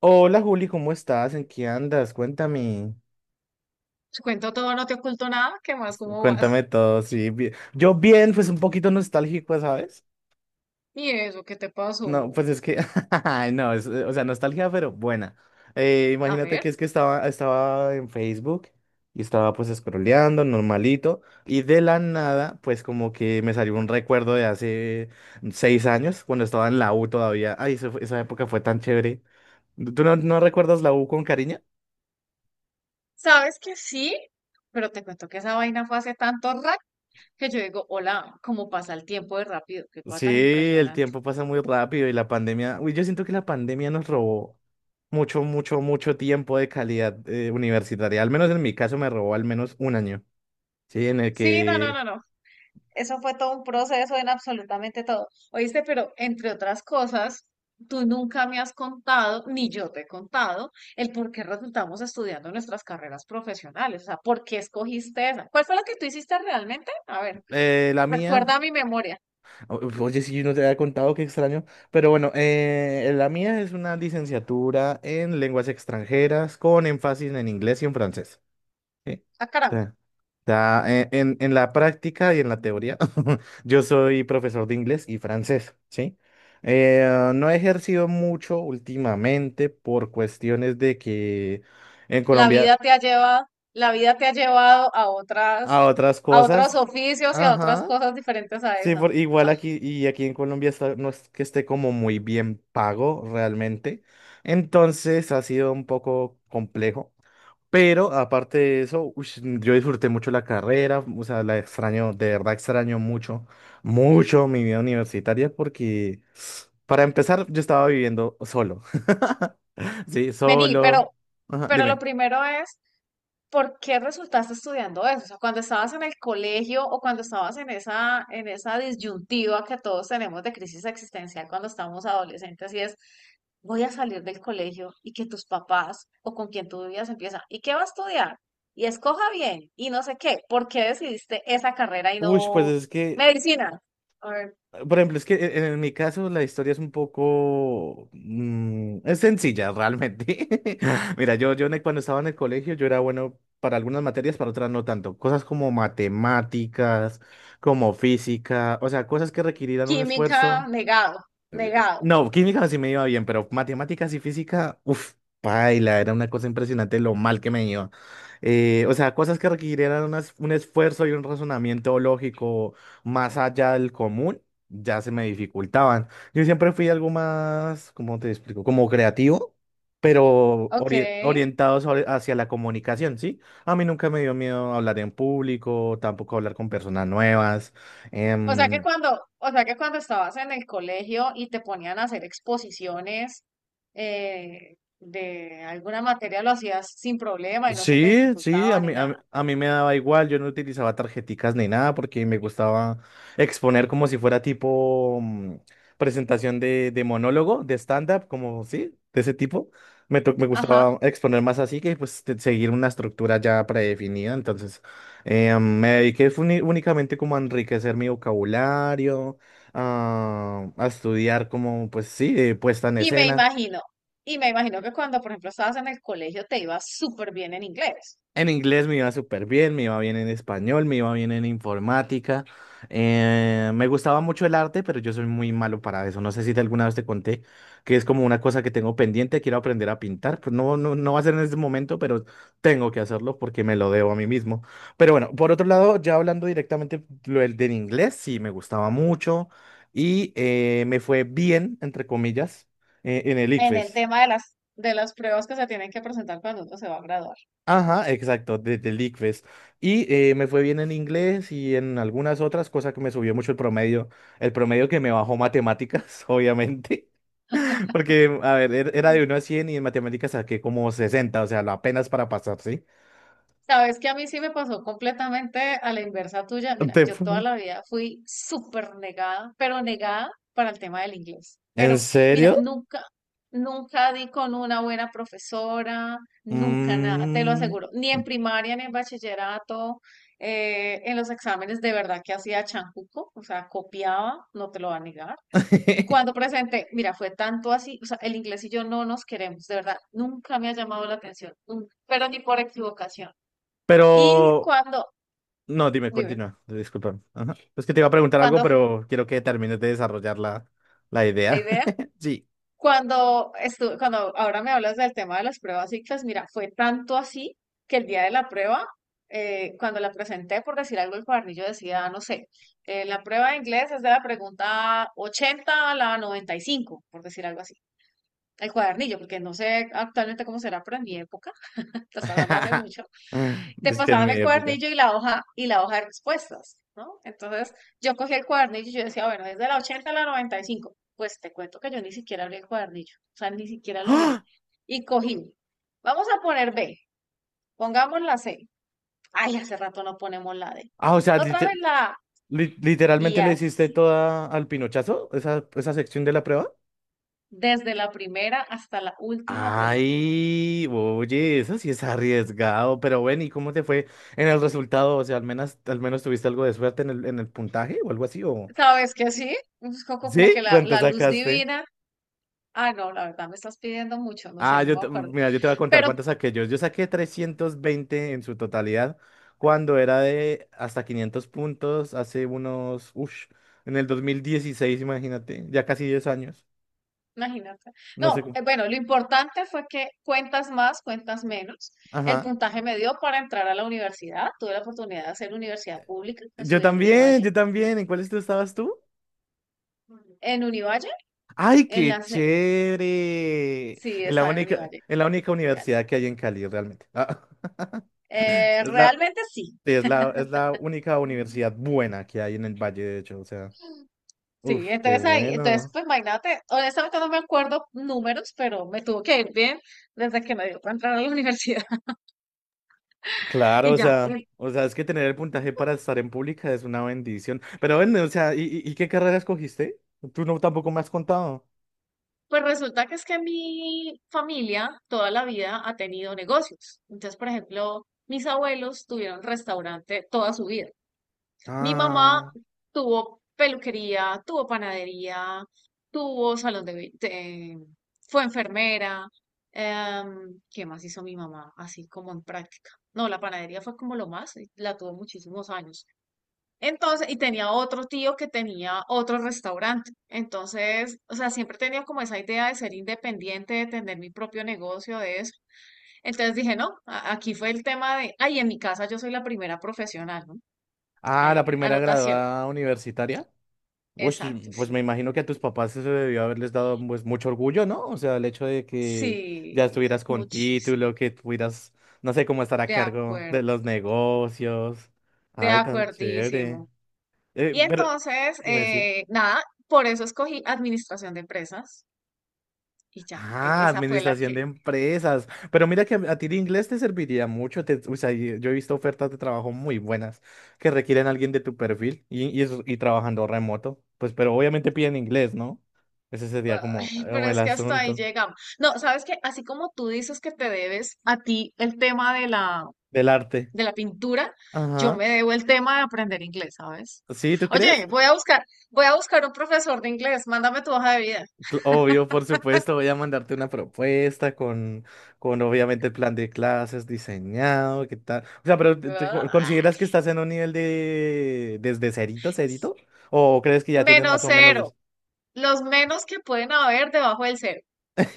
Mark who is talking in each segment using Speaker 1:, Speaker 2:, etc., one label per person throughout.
Speaker 1: Hola Juli, ¿cómo estás? ¿En qué andas? Cuéntame,
Speaker 2: Te cuento todo, no te oculto nada. ¿Qué más? ¿Cómo
Speaker 1: cuéntame
Speaker 2: vas?
Speaker 1: todo, sí. Yo bien, pues un poquito nostálgico, ¿sabes?
Speaker 2: ¿Y eso qué te
Speaker 1: No,
Speaker 2: pasó?
Speaker 1: pues es que, ay, no, es, o sea, nostalgia, pero buena.
Speaker 2: A
Speaker 1: Imagínate
Speaker 2: ver,
Speaker 1: que es que estaba en Facebook y estaba pues scrolleando, normalito, y de la nada, pues como que me salió un recuerdo de hace 6 años, cuando estaba en la U todavía. Ay, esa época fue tan chévere. ¿Tú no recuerdas la U con cariño?
Speaker 2: sabes que sí, pero te cuento que esa vaina fue hace tanto rato que yo digo, hola, cómo pasa el tiempo de rápido, qué cosa
Speaker 1: Sí,
Speaker 2: tan
Speaker 1: el
Speaker 2: impresionante.
Speaker 1: tiempo pasa muy rápido y la pandemia, uy, yo siento que la pandemia nos robó mucho, mucho, mucho tiempo de calidad universitaria. Al menos en mi caso me robó al menos un año, ¿sí? En el
Speaker 2: Sí, no, no, no,
Speaker 1: que
Speaker 2: no. Eso fue todo un proceso en absolutamente todo. Oíste, pero entre otras cosas, tú nunca me has contado, ni yo te he contado, el por qué resultamos estudiando nuestras carreras profesionales. O sea, ¿por qué escogiste esa? ¿Cuál fue la que tú hiciste realmente? A ver,
Speaker 1: la mía,
Speaker 2: recuerda mi memoria.
Speaker 1: oye, si yo no te había contado, qué extraño, pero bueno, la mía es una licenciatura en lenguas extranjeras con énfasis en inglés y en francés. Sí.
Speaker 2: Ah, caramba.
Speaker 1: Ya, ya, en la práctica y en la teoría, yo soy profesor de inglés y francés, ¿sí? No he ejercido mucho últimamente por cuestiones de que en
Speaker 2: La
Speaker 1: Colombia
Speaker 2: vida te ha llevado, la vida te ha llevado a otras,
Speaker 1: a otras
Speaker 2: a otros
Speaker 1: cosas,
Speaker 2: oficios y a otras
Speaker 1: ajá,
Speaker 2: cosas diferentes a
Speaker 1: sí,
Speaker 2: esa.
Speaker 1: por, igual
Speaker 2: Ah.
Speaker 1: aquí y aquí en Colombia no es que esté como muy bien pago realmente, entonces ha sido un poco complejo. Pero aparte de eso, ush, yo disfruté mucho la carrera, o sea, la extraño, de verdad extraño mucho, mucho mi vida universitaria porque, para empezar, yo estaba viviendo solo. Sí,
Speaker 2: Vení,
Speaker 1: solo. Ajá,
Speaker 2: pero lo
Speaker 1: dime.
Speaker 2: primero es ¿por qué resultaste estudiando eso? O sea, cuando estabas en el colegio o cuando estabas en esa disyuntiva que todos tenemos de crisis existencial cuando estamos adolescentes y es, voy a salir del colegio y que tus papás o con quien tú vivías empieza, ¿y qué va a estudiar? Y escoja bien y no sé qué, ¿por qué decidiste esa carrera y
Speaker 1: Uy, pues
Speaker 2: no
Speaker 1: es que,
Speaker 2: medicina? Or
Speaker 1: por ejemplo, es que en mi caso la historia es un poco... es sencilla, realmente. Mira, yo cuando estaba en el colegio yo era bueno para algunas materias, para otras no tanto. Cosas como matemáticas, como física, o sea, cosas que requerían un
Speaker 2: química,
Speaker 1: esfuerzo.
Speaker 2: negado, negado,
Speaker 1: No, química sí me iba bien, pero matemáticas y física, uff, paila, era una cosa impresionante lo mal que me iba. O sea, cosas que requirieran un esfuerzo y un razonamiento lógico más allá del común, ya se me dificultaban. Yo siempre fui algo más, ¿cómo te explico? Como creativo, pero
Speaker 2: ok.
Speaker 1: orientado hacia la comunicación, ¿sí? A mí nunca me dio miedo hablar en público, tampoco hablar con personas nuevas.
Speaker 2: O sea que
Speaker 1: em,
Speaker 2: cuando, o sea que cuando estabas en el colegio y te ponían a hacer exposiciones de alguna materia, lo hacías sin problema y no se te
Speaker 1: Sí, sí, a
Speaker 2: dificultaba ni
Speaker 1: mí, a, mí
Speaker 2: nada.
Speaker 1: a mí me daba igual, yo no utilizaba tarjeticas ni nada porque me gustaba exponer como si fuera tipo presentación de monólogo, de stand-up, como sí, de ese tipo. Me
Speaker 2: Ajá.
Speaker 1: gustaba exponer más así que pues seguir una estructura ya predefinida, entonces me dediqué fue únicamente como a enriquecer mi vocabulario, a estudiar como pues sí, puesta en
Speaker 2: Y me
Speaker 1: escena.
Speaker 2: imagino, y me imagino que cuando, por ejemplo, estabas en el colegio te ibas súper bien en inglés,
Speaker 1: En inglés me iba súper bien, me iba bien en español, me iba bien en informática. Me gustaba mucho el arte, pero yo soy muy malo para eso. No sé si te alguna vez te conté que es como una cosa que tengo pendiente, quiero aprender a pintar. Pues no, no, no va a ser en este momento, pero tengo que hacerlo porque me lo debo a mí mismo. Pero bueno, por otro lado, ya hablando directamente lo del inglés, sí me gustaba mucho y me fue bien, entre comillas, en el
Speaker 2: en el
Speaker 1: ICFES.
Speaker 2: tema de las pruebas que se tienen que presentar cuando uno se va a graduar.
Speaker 1: Ajá, exacto, de Liquest. Y me fue bien en inglés y en algunas otras cosas que me subió mucho el promedio. El promedio que me bajó matemáticas, obviamente. Porque, a ver, era de 1 a 100 y en matemáticas saqué como 60, o sea, lo apenas para pasar, ¿sí?
Speaker 2: ¿Sabes que a mí sí me pasó completamente a la inversa tuya? Mira, yo toda
Speaker 1: Te-
Speaker 2: la vida fui súper negada, pero negada para el tema del inglés.
Speaker 1: ¿En
Speaker 2: Pero mira,
Speaker 1: serio?
Speaker 2: nunca, nunca di con una buena profesora, nunca nada, te lo
Speaker 1: Mm.
Speaker 2: aseguro. Ni en primaria, ni en bachillerato, en los exámenes de verdad que hacía chancuco, o sea, copiaba, no te lo va a negar. Cuando presenté, mira, fue tanto así, o sea, el inglés y yo no nos queremos, de verdad, nunca me ha llamado la atención, nunca, pero ni por equivocación. Y
Speaker 1: Pero,
Speaker 2: cuando,
Speaker 1: no, dime,
Speaker 2: dime,
Speaker 1: continúa, disculpa. Ajá. Es que te iba a preguntar algo,
Speaker 2: cuando,
Speaker 1: pero quiero que termines de desarrollar la
Speaker 2: la
Speaker 1: idea.
Speaker 2: idea,
Speaker 1: Sí.
Speaker 2: cuando estuve, cuando ahora me hablas del tema de las pruebas ICFES, mira, fue tanto así que el día de la prueba, cuando la presenté, por decir algo, el cuadernillo decía, no sé, la prueba de inglés es de la pregunta 80 a la 95 por decir algo así. El cuadernillo, porque no sé actualmente cómo será, pero en mi época, hasta hablando hace mucho, te
Speaker 1: Es que en
Speaker 2: pasaban
Speaker 1: mi
Speaker 2: el
Speaker 1: época.
Speaker 2: cuadernillo y la hoja de respuestas, ¿no? Entonces yo cogí el cuadernillo y yo decía, bueno, desde la 80 a la 95, pues te cuento que yo ni siquiera abrí el cuadernillo, o sea, ni siquiera lo miré.
Speaker 1: ¡Ah!
Speaker 2: Y cogí, vamos a poner B, pongamos la C. Ay, hace rato no ponemos la D.
Speaker 1: Ah, o sea,
Speaker 2: Otra vez la A. Y
Speaker 1: literalmente le hiciste
Speaker 2: así,
Speaker 1: toda al pinochazo, esa sección de la prueba.
Speaker 2: desde la primera hasta la última pregunta.
Speaker 1: Ay, oye, eso sí es arriesgado, pero bueno, ¿y cómo te fue en el resultado? O sea, al menos tuviste algo de suerte en el puntaje o algo así, ¿o
Speaker 2: ¿Sabes que sí? Es como
Speaker 1: sí?
Speaker 2: que la,
Speaker 1: ¿Cuánto
Speaker 2: la luz
Speaker 1: sacaste?
Speaker 2: divina. Ah, no, la verdad me estás pidiendo mucho, no
Speaker 1: Ah,
Speaker 2: sé, no me acuerdo.
Speaker 1: mira, yo te voy a contar
Speaker 2: Pero
Speaker 1: cuántas saqué yo. Yo saqué 320 en su totalidad cuando era de hasta 500 puntos hace unos, uff, en el 2016. Imagínate, ya casi 10 años.
Speaker 2: imagínate.
Speaker 1: No sé
Speaker 2: No,
Speaker 1: cómo.
Speaker 2: bueno, lo importante fue que cuentas más, cuentas menos. El
Speaker 1: Ajá.
Speaker 2: puntaje me dio para entrar a la universidad. Tuve la oportunidad de hacer universidad pública.
Speaker 1: Yo
Speaker 2: Estudié en
Speaker 1: también,
Speaker 2: Univalle.
Speaker 1: yo también. ¿En cuáles tú estabas tú?
Speaker 2: En Univalle,
Speaker 1: ¡Ay,
Speaker 2: en la...
Speaker 1: qué chévere!
Speaker 2: sí,
Speaker 1: En la
Speaker 2: estaba en
Speaker 1: única,
Speaker 2: Univalle
Speaker 1: en la única
Speaker 2: aquí en Cali.
Speaker 1: universidad que hay en Cali, realmente. Ah, Es la,
Speaker 2: Realmente sí.
Speaker 1: sí, es la única universidad buena que hay en el Valle, de hecho, o sea.
Speaker 2: Sí,
Speaker 1: Uf, qué
Speaker 2: entonces ahí, entonces
Speaker 1: bueno.
Speaker 2: pues imagínate, honestamente no me acuerdo números, pero me tuvo que ir bien desde que me dio para entrar a la universidad
Speaker 1: Claro,
Speaker 2: y
Speaker 1: o
Speaker 2: ya.
Speaker 1: sea, o sea, es que tener el puntaje para estar en pública es una bendición. Pero bueno, o sea, ¿y qué carrera escogiste? Tú no tampoco me has contado.
Speaker 2: Pues resulta que es que mi familia toda la vida ha tenido negocios. Entonces, por ejemplo, mis abuelos tuvieron restaurante toda su vida. Mi mamá
Speaker 1: Ah,
Speaker 2: tuvo peluquería, tuvo panadería, tuvo salón de... be- de- fue enfermera. ¿Qué más hizo mi mamá? Así como en práctica. No, la panadería fue como lo más, y la tuvo muchísimos años. Entonces, y tenía otro tío que tenía otro restaurante. Entonces, o sea, siempre he tenido como esa idea de ser independiente, de tener mi propio negocio, de eso. Entonces dije, no, aquí fue el tema de, ay, en mi casa yo soy la primera profesional, ¿no?
Speaker 1: ah, la
Speaker 2: Ahí,
Speaker 1: primera
Speaker 2: anotación.
Speaker 1: graduada universitaria. Uy, sí,
Speaker 2: Exacto,
Speaker 1: pues
Speaker 2: sí.
Speaker 1: me imagino que a tus papás eso debió haberles dado pues mucho orgullo, ¿no? O sea, el hecho de que ya
Speaker 2: Sí,
Speaker 1: estuvieras con
Speaker 2: muchísimo.
Speaker 1: título, que tuvieras, no sé, cómo estar a
Speaker 2: De
Speaker 1: cargo
Speaker 2: acuerdo,
Speaker 1: de los negocios.
Speaker 2: de
Speaker 1: Ay, tan chévere.
Speaker 2: acuerdísimo. Y
Speaker 1: Pero,
Speaker 2: entonces,
Speaker 1: dime, sí.
Speaker 2: nada, por eso escogí administración de empresas y ya,
Speaker 1: Ah,
Speaker 2: esa fue la
Speaker 1: administración
Speaker 2: que.
Speaker 1: de empresas. Pero mira que a ti el inglés te serviría mucho. O sea, yo he visto ofertas de trabajo muy buenas que requieren a alguien de tu perfil y trabajando remoto. Pues, pero obviamente piden inglés, ¿no? Ese sería como,
Speaker 2: Ay, pero
Speaker 1: como el
Speaker 2: es que hasta ahí
Speaker 1: asunto
Speaker 2: llegamos. No, sabes que así como tú dices que te debes a ti el tema
Speaker 1: del arte.
Speaker 2: de la pintura, yo
Speaker 1: Ajá.
Speaker 2: me debo el tema de aprender inglés, ¿sabes?
Speaker 1: ¿Sí, tú
Speaker 2: Oye,
Speaker 1: crees?
Speaker 2: voy a buscar un profesor de inglés, mándame tu hoja de vida.
Speaker 1: Obvio, por supuesto, voy a mandarte una propuesta con obviamente el plan de clases diseñado, ¿qué tal? O sea, pero
Speaker 2: Ah,
Speaker 1: consideras que estás en un nivel de desde cerito, cerito? ¿O crees que ya tienes más
Speaker 2: menos
Speaker 1: o menos?
Speaker 2: cero, los menos que pueden haber debajo del cero.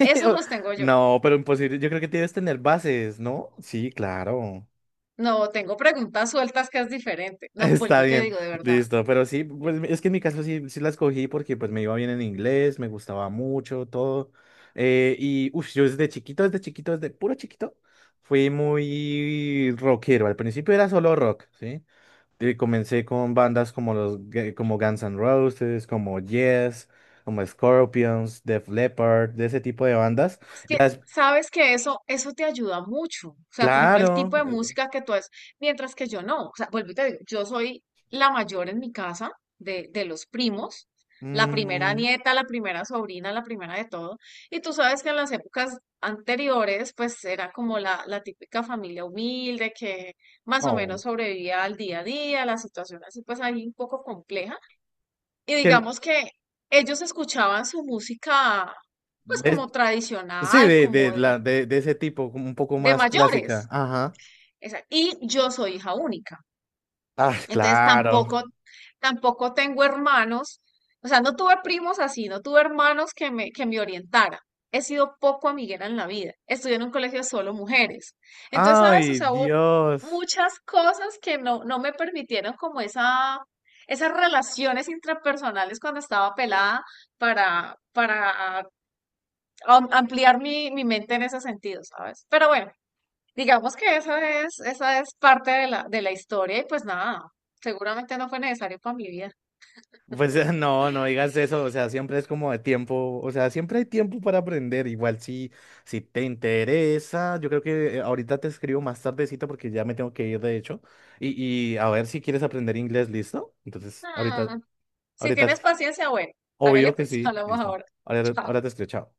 Speaker 2: Esos los tengo yo.
Speaker 1: No, pero imposible. Yo creo que tienes que tener bases, ¿no? Sí, claro.
Speaker 2: No, tengo preguntas sueltas que es diferente. No,
Speaker 1: Está
Speaker 2: vuelvo y te
Speaker 1: bien,
Speaker 2: digo de verdad.
Speaker 1: listo, pero sí, pues es que en mi caso sí, sí la escogí porque pues me iba bien en inglés, me gustaba mucho todo, y uff, yo desde chiquito, desde chiquito, desde puro chiquito, fui muy rockero, al principio era solo rock, ¿sí? Y comencé con bandas como como Guns N' Roses, como Yes, como Scorpions, Def Leppard, de ese tipo de bandas,
Speaker 2: Es que
Speaker 1: ya,
Speaker 2: sabes que eso te ayuda mucho. O sea, por ejemplo, el
Speaker 1: claro,
Speaker 2: tipo de música que tú haces, mientras que yo no. O sea, vuelvo y te digo, yo soy la mayor en mi casa de los primos, la primera
Speaker 1: mm,
Speaker 2: nieta, la primera sobrina, la primera de todo. Y tú sabes que en las épocas anteriores, pues era como la típica familia humilde que más o
Speaker 1: oh,
Speaker 2: menos sobrevivía al día a día, la situación así, pues ahí un poco compleja. Y
Speaker 1: que...
Speaker 2: digamos que ellos escuchaban su música, pues
Speaker 1: ¿Ves?
Speaker 2: como
Speaker 1: Sí,
Speaker 2: tradicional,
Speaker 1: de, de,
Speaker 2: como
Speaker 1: la, de, de ese tipo, como un poco
Speaker 2: de
Speaker 1: más clásica.
Speaker 2: mayores.
Speaker 1: Ajá.
Speaker 2: Esa- Y yo soy hija única.
Speaker 1: Ah,
Speaker 2: Entonces
Speaker 1: claro.
Speaker 2: tampoco, tampoco tengo hermanos, o sea, no tuve primos así, no tuve hermanos que me orientaran. He sido poco amiguera en la vida. Estudié en un colegio de solo mujeres. Entonces, ¿sabes? O
Speaker 1: Ay,
Speaker 2: sea, hubo
Speaker 1: Dios.
Speaker 2: muchas cosas que no, no me permitieron como esa, esas relaciones intrapersonales cuando estaba pelada para ampliar mi, mi mente en ese sentido, ¿sabes? Pero bueno, digamos que eso es, esa es parte de la historia y pues nada, seguramente no fue necesario para mi vida.
Speaker 1: Pues no, no digas eso. O sea, siempre es como de tiempo. O sea, siempre hay tiempo para aprender. Igual si, si te interesa. Yo creo que ahorita te escribo más tardecito porque ya me tengo que ir, de hecho. Y a ver si quieres aprender inglés, ¿listo? Entonces, ahorita,
Speaker 2: Ah, si
Speaker 1: ahorita,
Speaker 2: tienes paciencia, bueno, hágale
Speaker 1: obvio que
Speaker 2: pues,
Speaker 1: sí.
Speaker 2: hablamos
Speaker 1: Listo.
Speaker 2: ahora.
Speaker 1: Ahora,
Speaker 2: Chao.
Speaker 1: ahora te escribo, chao.